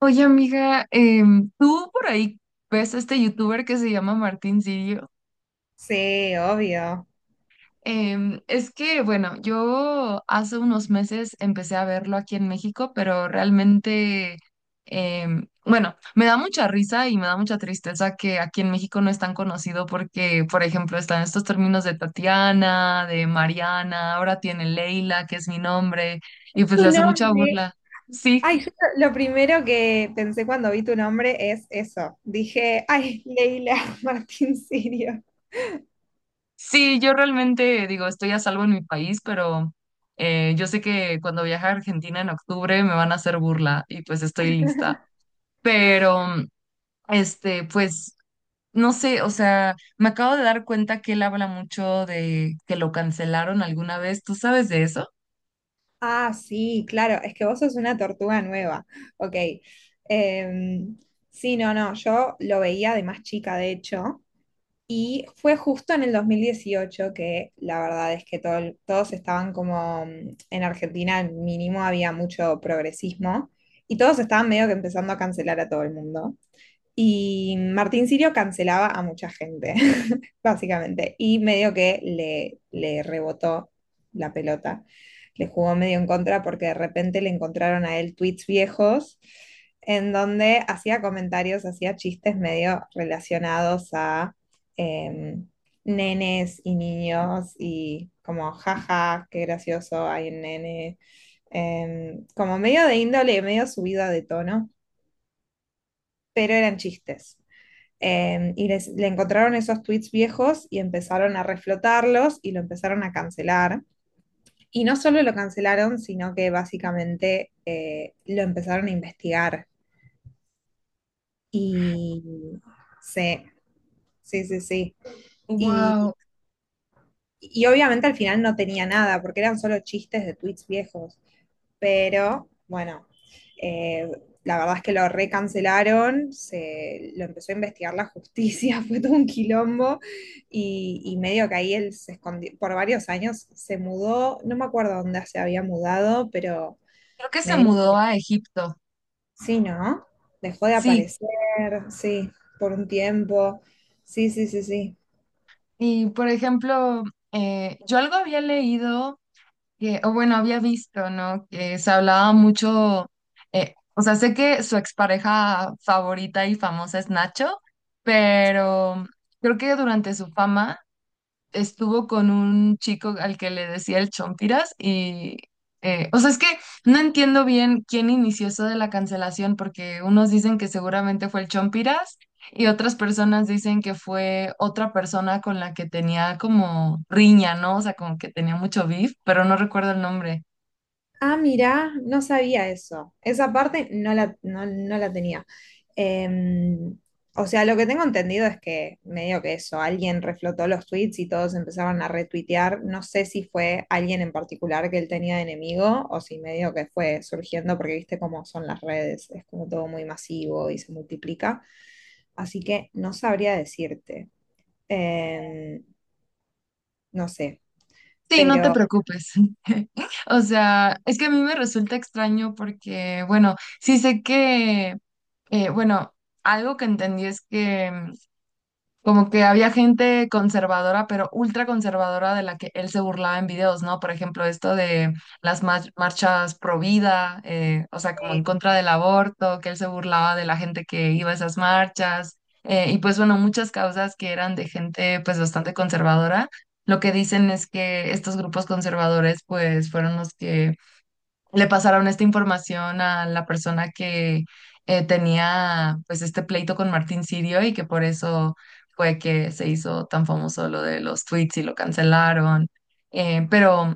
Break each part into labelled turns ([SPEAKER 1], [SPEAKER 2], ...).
[SPEAKER 1] Oye, amiga, tú por ahí ves a este youtuber que se llama Martín Sirio.
[SPEAKER 2] Sí, obvio.
[SPEAKER 1] Yo hace unos meses empecé a verlo aquí en México, pero realmente, me da mucha risa y me da mucha tristeza que aquí en México no es tan conocido porque, por ejemplo, están estos términos de Tatiana, de Mariana, ahora tiene Leila, que es mi nombre, y
[SPEAKER 2] Tu
[SPEAKER 1] pues le hace mucha
[SPEAKER 2] nombre.
[SPEAKER 1] burla. Sí.
[SPEAKER 2] Ay, yo lo primero que pensé cuando vi tu nombre es eso. Dije, ay, Leila Martín Sirio.
[SPEAKER 1] Sí, yo realmente digo, estoy a salvo en mi país, pero yo sé que cuando viaje a Argentina en octubre me van a hacer burla y pues estoy lista. Pero, este, pues, no sé, o sea, me acabo de dar cuenta que él habla mucho de que lo cancelaron alguna vez. ¿Tú sabes de eso?
[SPEAKER 2] Ah, sí, claro, es que vos sos una tortuga nueva. Ok. Em, sí, no, no, yo lo veía de más chica, de hecho, y fue justo en el 2018 que la verdad es que todos estaban como, mm, en Argentina al mínimo había mucho progresismo y todos estaban medio que empezando a cancelar a todo el mundo. Y Martín Sirio cancelaba a mucha gente básicamente. Y medio que le rebotó la pelota, le jugó medio en contra porque de repente le encontraron a él tweets viejos en donde hacía comentarios, hacía chistes medio relacionados a eh, nenes y niños y como jaja, qué gracioso hay un nene, como medio de índole, medio subida de tono, pero eran chistes. Le encontraron esos tweets viejos y empezaron a reflotarlos y lo empezaron a cancelar. Y no solo lo cancelaron, sino que básicamente lo empezaron a investigar. Y sí, sí, sí, sí. Y,
[SPEAKER 1] Wow,
[SPEAKER 2] y obviamente al final no tenía nada, porque eran solo chistes de tweets viejos. Pero bueno, eh, la verdad es que lo recancelaron, lo empezó a investigar la justicia, fue todo un quilombo y medio que ahí él se escondió, por varios años se mudó, no me acuerdo dónde se había mudado, pero
[SPEAKER 1] creo que se
[SPEAKER 2] medio
[SPEAKER 1] mudó
[SPEAKER 2] que
[SPEAKER 1] a Egipto.
[SPEAKER 2] sí, ¿no? Dejó de
[SPEAKER 1] Sí,
[SPEAKER 2] aparecer, sí, por un tiempo, sí, sí, sí, sí.
[SPEAKER 1] y por ejemplo, yo algo había leído que, o bueno, había visto, ¿no? Que se hablaba mucho, o sea, sé que su expareja favorita y famosa es Nacho, pero creo que durante su fama estuvo con un chico al que le decía el Chompiras o sea, es que no entiendo bien quién inició eso de la cancelación porque unos dicen que seguramente fue el Chompiras y otras personas dicen que fue otra persona con la que tenía como riña, ¿no? O sea, como que tenía mucho beef, pero no recuerdo el nombre.
[SPEAKER 2] Ah, mirá, no sabía eso. Esa parte no, no la tenía. Em, o sea, lo que tengo entendido es que medio que eso, alguien reflotó los tweets y todos empezaron a retuitear. No sé si fue alguien en particular que él tenía de enemigo o si medio que fue surgiendo porque viste cómo son las redes, es como todo muy masivo y se multiplica. Así que no sabría decirte. Em, no sé,
[SPEAKER 1] Sí, no te
[SPEAKER 2] pero...
[SPEAKER 1] preocupes. O sea, es que a mí me resulta extraño porque, bueno, sí sé que, bueno, algo que entendí es que como que había gente conservadora, pero ultra conservadora de la que él se burlaba en videos, ¿no? Por ejemplo, esto de las marchas pro vida, o sea, como en
[SPEAKER 2] eh,
[SPEAKER 1] contra del aborto, que él se burlaba de la gente que iba a esas marchas, y pues bueno, muchas causas que eran de gente pues bastante conservadora. Lo que dicen es que estos grupos conservadores pues fueron los que le pasaron esta información a la persona que tenía pues este pleito con Martín Sirio y que por eso fue que se hizo tan famoso lo de los tweets y lo cancelaron. Pero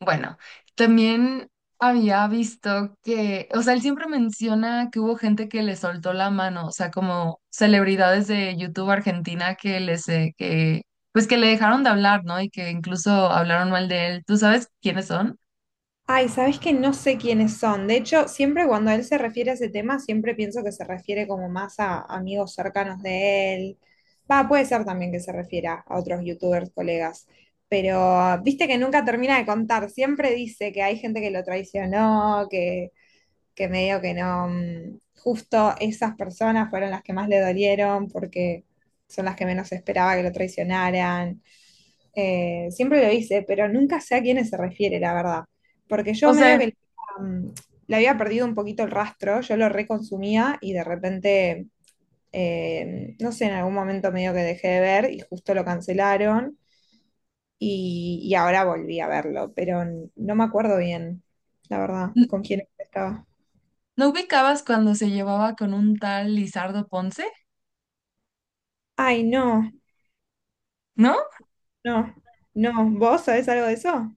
[SPEAKER 1] bueno, también había visto que, o sea, él siempre menciona que hubo gente que le soltó la mano, o sea, como celebridades de YouTube Argentina que pues que le dejaron de hablar, ¿no? Y que incluso hablaron mal de él. ¿Tú sabes quiénes son?
[SPEAKER 2] ay, sabes que no sé quiénes son. De hecho, siempre cuando él se refiere a ese tema, siempre pienso que se refiere como más a amigos cercanos de él. Va, puede ser también que se refiera a otros youtubers, colegas. Pero viste que nunca termina de contar. Siempre dice que hay gente que lo traicionó, que medio que no. Justo esas personas fueron las que más le dolieron porque son las que menos esperaba que lo traicionaran. Siempre lo hice, pero nunca sé a quiénes se refiere, la verdad. Porque
[SPEAKER 1] No
[SPEAKER 2] yo
[SPEAKER 1] sé,
[SPEAKER 2] medio que um, le había perdido un poquito el rastro, yo lo reconsumía y de repente, no sé, en algún momento medio que dejé de ver y justo lo cancelaron y ahora volví a verlo, pero no me acuerdo bien, la verdad, con quién estaba.
[SPEAKER 1] ¿no ubicabas cuando se llevaba con un tal Lizardo Ponce?
[SPEAKER 2] Ay, no,
[SPEAKER 1] ¿No?
[SPEAKER 2] no, no, ¿vos sabés algo de eso?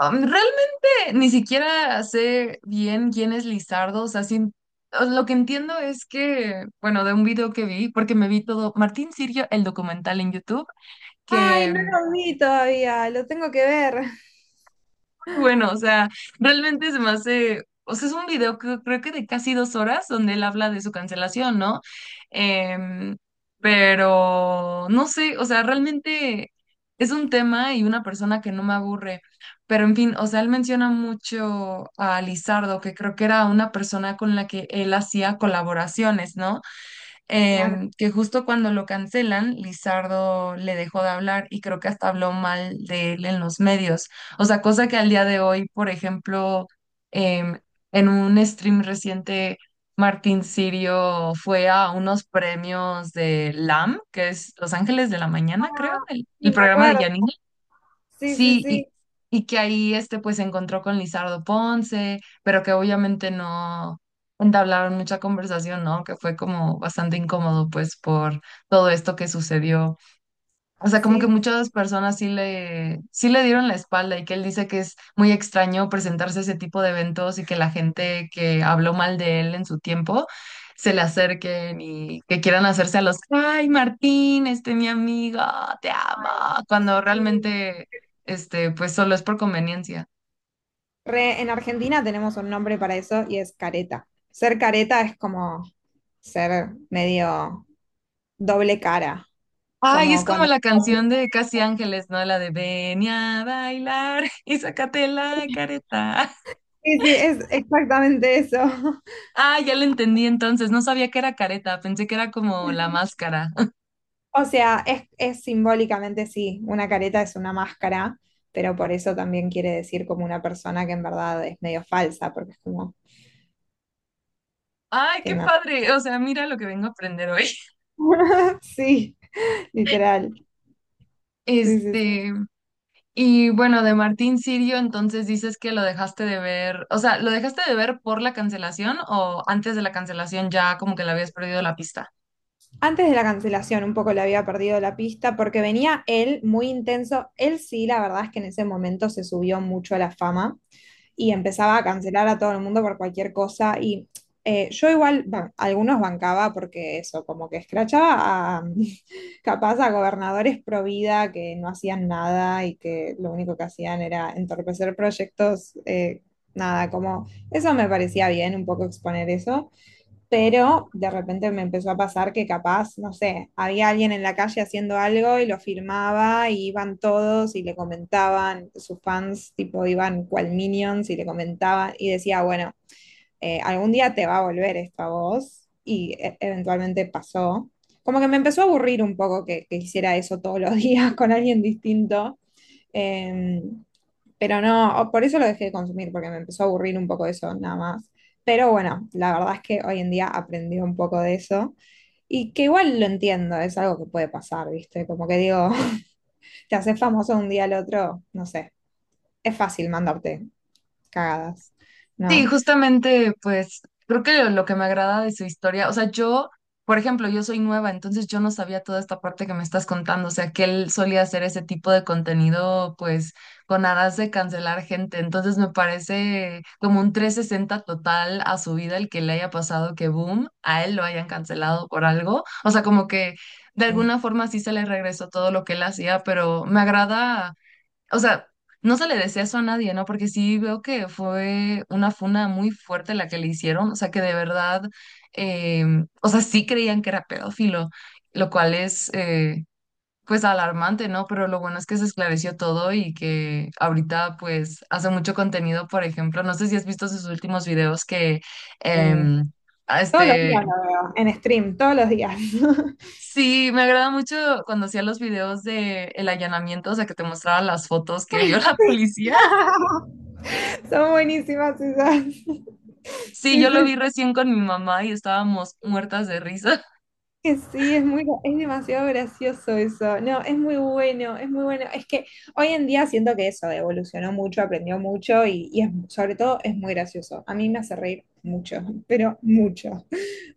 [SPEAKER 1] Realmente ni siquiera sé bien quién es Lizardo, o sea, o lo que entiendo es que, bueno, de un video que vi, porque me vi todo, Martín Sirio, el documental en YouTube,
[SPEAKER 2] Ay, no
[SPEAKER 1] que
[SPEAKER 2] lo vi todavía, lo tengo que ver.
[SPEAKER 1] bueno, o sea, realmente se me hace, o sea, es un video que creo que de casi dos horas donde él habla de su cancelación, ¿no? Em, pero no sé, o sea, realmente es un tema y una persona que no me aburre, pero en fin, o sea, él menciona mucho a Lizardo, que creo que era una persona con la que él hacía colaboraciones, ¿no?
[SPEAKER 2] Claro.
[SPEAKER 1] Que justo cuando lo cancelan, Lizardo le dejó de hablar y creo que hasta habló mal de él en los medios. O sea, cosa que al día de hoy, por ejemplo, em, en un stream reciente, Martín Sirio fue a unos premios de LAM, que es Los Ángeles de la Mañana, creo,
[SPEAKER 2] Ah, sí,
[SPEAKER 1] el
[SPEAKER 2] me
[SPEAKER 1] programa de
[SPEAKER 2] acuerdo.
[SPEAKER 1] Yanina.
[SPEAKER 2] Sí, sí,
[SPEAKER 1] Sí,
[SPEAKER 2] sí.
[SPEAKER 1] y que ahí este pues se encontró con Lizardo Ponce, pero que obviamente no entablaron mucha conversación, ¿no? Que fue como bastante incómodo pues por todo esto que sucedió. O sea, como que
[SPEAKER 2] Sí,
[SPEAKER 1] muchas personas sí sí le dieron la espalda y que él dice que es muy extraño presentarse a ese tipo de eventos y que la gente que habló mal de él en su tiempo se le acerquen y que quieran hacerse a los, ay, Martín, este mi amigo, te amo, cuando
[SPEAKER 2] sí.
[SPEAKER 1] realmente, este, pues solo es por conveniencia.
[SPEAKER 2] Re- en Argentina tenemos un nombre para eso y es careta. Ser careta es como ser medio doble cara,
[SPEAKER 1] Ay, es
[SPEAKER 2] como
[SPEAKER 1] como
[SPEAKER 2] cuando...
[SPEAKER 1] la canción de Casi Ángeles, ¿no? La de Ven a bailar y sácate la careta.
[SPEAKER 2] Sí, sí, es exactamente eso.
[SPEAKER 1] Ah, ya lo entendí entonces. No sabía que era careta, pensé que era como la máscara.
[SPEAKER 2] O sea, es simbólicamente sí, una careta es una máscara, pero por eso también quiere decir como una persona que en verdad es medio falsa, porque es como
[SPEAKER 1] Ay, qué
[SPEAKER 2] tiene
[SPEAKER 1] padre. O sea, mira lo que vengo a aprender hoy.
[SPEAKER 2] una... Sí, literal. Sí, sí,
[SPEAKER 1] Este, y bueno, de Martín Sirio, entonces dices que lo dejaste de ver, o sea, ¿lo dejaste de ver por la cancelación o antes de la cancelación ya como que le habías perdido la pista?
[SPEAKER 2] antes de la cancelación, un poco le había perdido la pista porque venía él muy intenso. Él sí, la verdad es que en ese momento se subió mucho a la fama y empezaba a cancelar a todo el mundo por cualquier cosa. Y yo igual, bueno, algunos bancaba porque eso, como que escrachaba a, capaz a gobernadores pro vida que no hacían nada y que lo único que hacían era entorpecer proyectos. Nada, como eso me parecía bien, un poco exponer eso, pero de repente me empezó a pasar que capaz, no sé, había alguien en la calle haciendo algo y lo filmaba y iban todos y le comentaban, sus fans tipo iban cual minions y le comentaban y decía, bueno, algún día te va a volver esto a vos y eventualmente pasó. Como que me empezó a aburrir un poco que hiciera eso todos los días con alguien distinto. Em, pero no, por eso lo dejé de consumir, porque me empezó a aburrir un poco eso, nada más. Pero bueno, la verdad es que hoy en día aprendí un poco de eso y que igual lo entiendo, es algo que puede pasar, ¿viste? Como que digo, te haces famoso un día al otro, no sé, es fácil mandarte cagadas,
[SPEAKER 1] Sí,
[SPEAKER 2] ¿no?
[SPEAKER 1] justamente, pues creo que lo que me agrada de su historia, o sea, yo, por ejemplo, yo soy nueva, entonces yo no sabía toda esta parte que me estás contando, o sea, que él solía hacer ese tipo de contenido, pues, con aras de cancelar gente, entonces me parece como un trescientos sesenta total a su vida el que le haya pasado que, boom, a él lo hayan cancelado por algo, o sea, como que de
[SPEAKER 2] Sí,
[SPEAKER 1] alguna forma sí se le regresó todo lo que él hacía, pero me agrada. O sea, no se le desea eso a nadie, ¿no? Porque sí veo que fue una funa muy fuerte la que le hicieron, o sea, que de verdad, eh, o sea, sí creían que era pedófilo, lo cual es, pues, alarmante, ¿no? Pero lo bueno es que se esclareció todo y que ahorita, pues, hace mucho contenido, por ejemplo, no sé si has visto sus últimos videos que,
[SPEAKER 2] sí.
[SPEAKER 1] em, a
[SPEAKER 2] Todos los
[SPEAKER 1] Este,
[SPEAKER 2] días lo veo, en stream, todos los días.
[SPEAKER 1] sí, me agrada mucho cuando hacía los videos de el allanamiento, o sea, que te mostraba las fotos que vio
[SPEAKER 2] Ay,
[SPEAKER 1] la
[SPEAKER 2] sí.
[SPEAKER 1] policía.
[SPEAKER 2] Son buenísimas esas.
[SPEAKER 1] Sí,
[SPEAKER 2] Sí,
[SPEAKER 1] yo lo vi
[SPEAKER 2] sí,
[SPEAKER 1] recién con mi mamá y estábamos muertas de risa.
[SPEAKER 2] que sí, es muy, es demasiado gracioso eso. No, es muy bueno, es muy bueno. Es que hoy en día siento que eso evolucionó mucho, aprendió mucho y sobre todo es muy gracioso. A mí me hace reír mucho, pero mucho.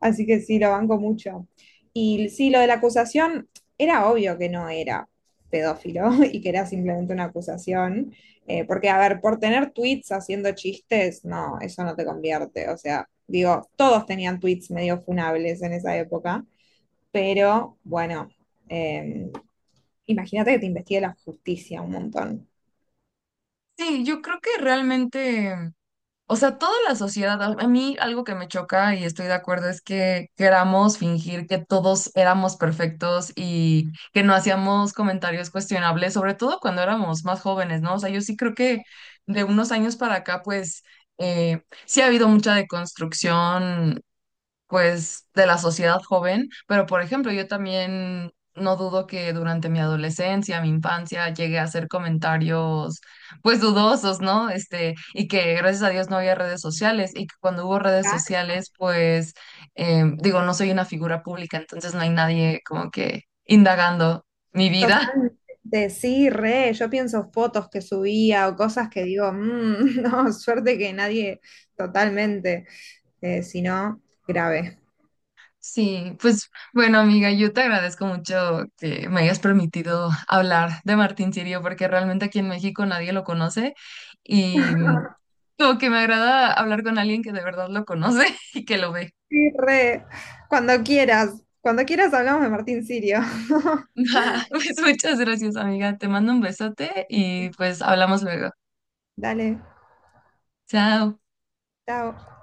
[SPEAKER 2] Así que sí, lo banco mucho. Y sí, lo de la acusación era obvio que no era pedófilo y que era simplemente una acusación. Porque, a ver, por tener tweets haciendo chistes, no, eso no te convierte. O sea, digo, todos tenían tweets medio funables en esa época, pero bueno, eh, imagínate que te investigue la justicia un montón.
[SPEAKER 1] Sí, yo creo que realmente, o sea, toda la sociedad, a mí algo que me choca y estoy de acuerdo es que queramos fingir que todos éramos perfectos y que no hacíamos comentarios cuestionables, sobre todo cuando éramos más jóvenes, ¿no? O sea, yo sí creo que de unos años para acá, pues, sí ha habido mucha deconstrucción pues, de la sociedad joven, pero por ejemplo, yo también no dudo que durante mi adolescencia, mi infancia, llegué a hacer comentarios, pues, dudosos, ¿no? Este, y que gracias a Dios no había redes sociales y que cuando hubo redes
[SPEAKER 2] Claro.
[SPEAKER 1] sociales, pues, digo, no soy una figura pública, entonces no hay nadie como que indagando mi vida.
[SPEAKER 2] Totalmente, sí, re, yo pienso fotos que subía o cosas que digo, "Mm, no, suerte que nadie", totalmente, si no, grave.
[SPEAKER 1] Sí, pues bueno, amiga, yo te agradezco mucho que me hayas permitido hablar de Martín Sirio, porque realmente aquí en México nadie lo conoce y mm, como que me agrada hablar con alguien que de verdad lo conoce y que lo ve.
[SPEAKER 2] Sí, re, cuando quieras hablamos de Martín Sirio.
[SPEAKER 1] Pues muchas gracias, amiga. Te mando un besote y pues hablamos luego.
[SPEAKER 2] Dale,
[SPEAKER 1] Chao.
[SPEAKER 2] chao.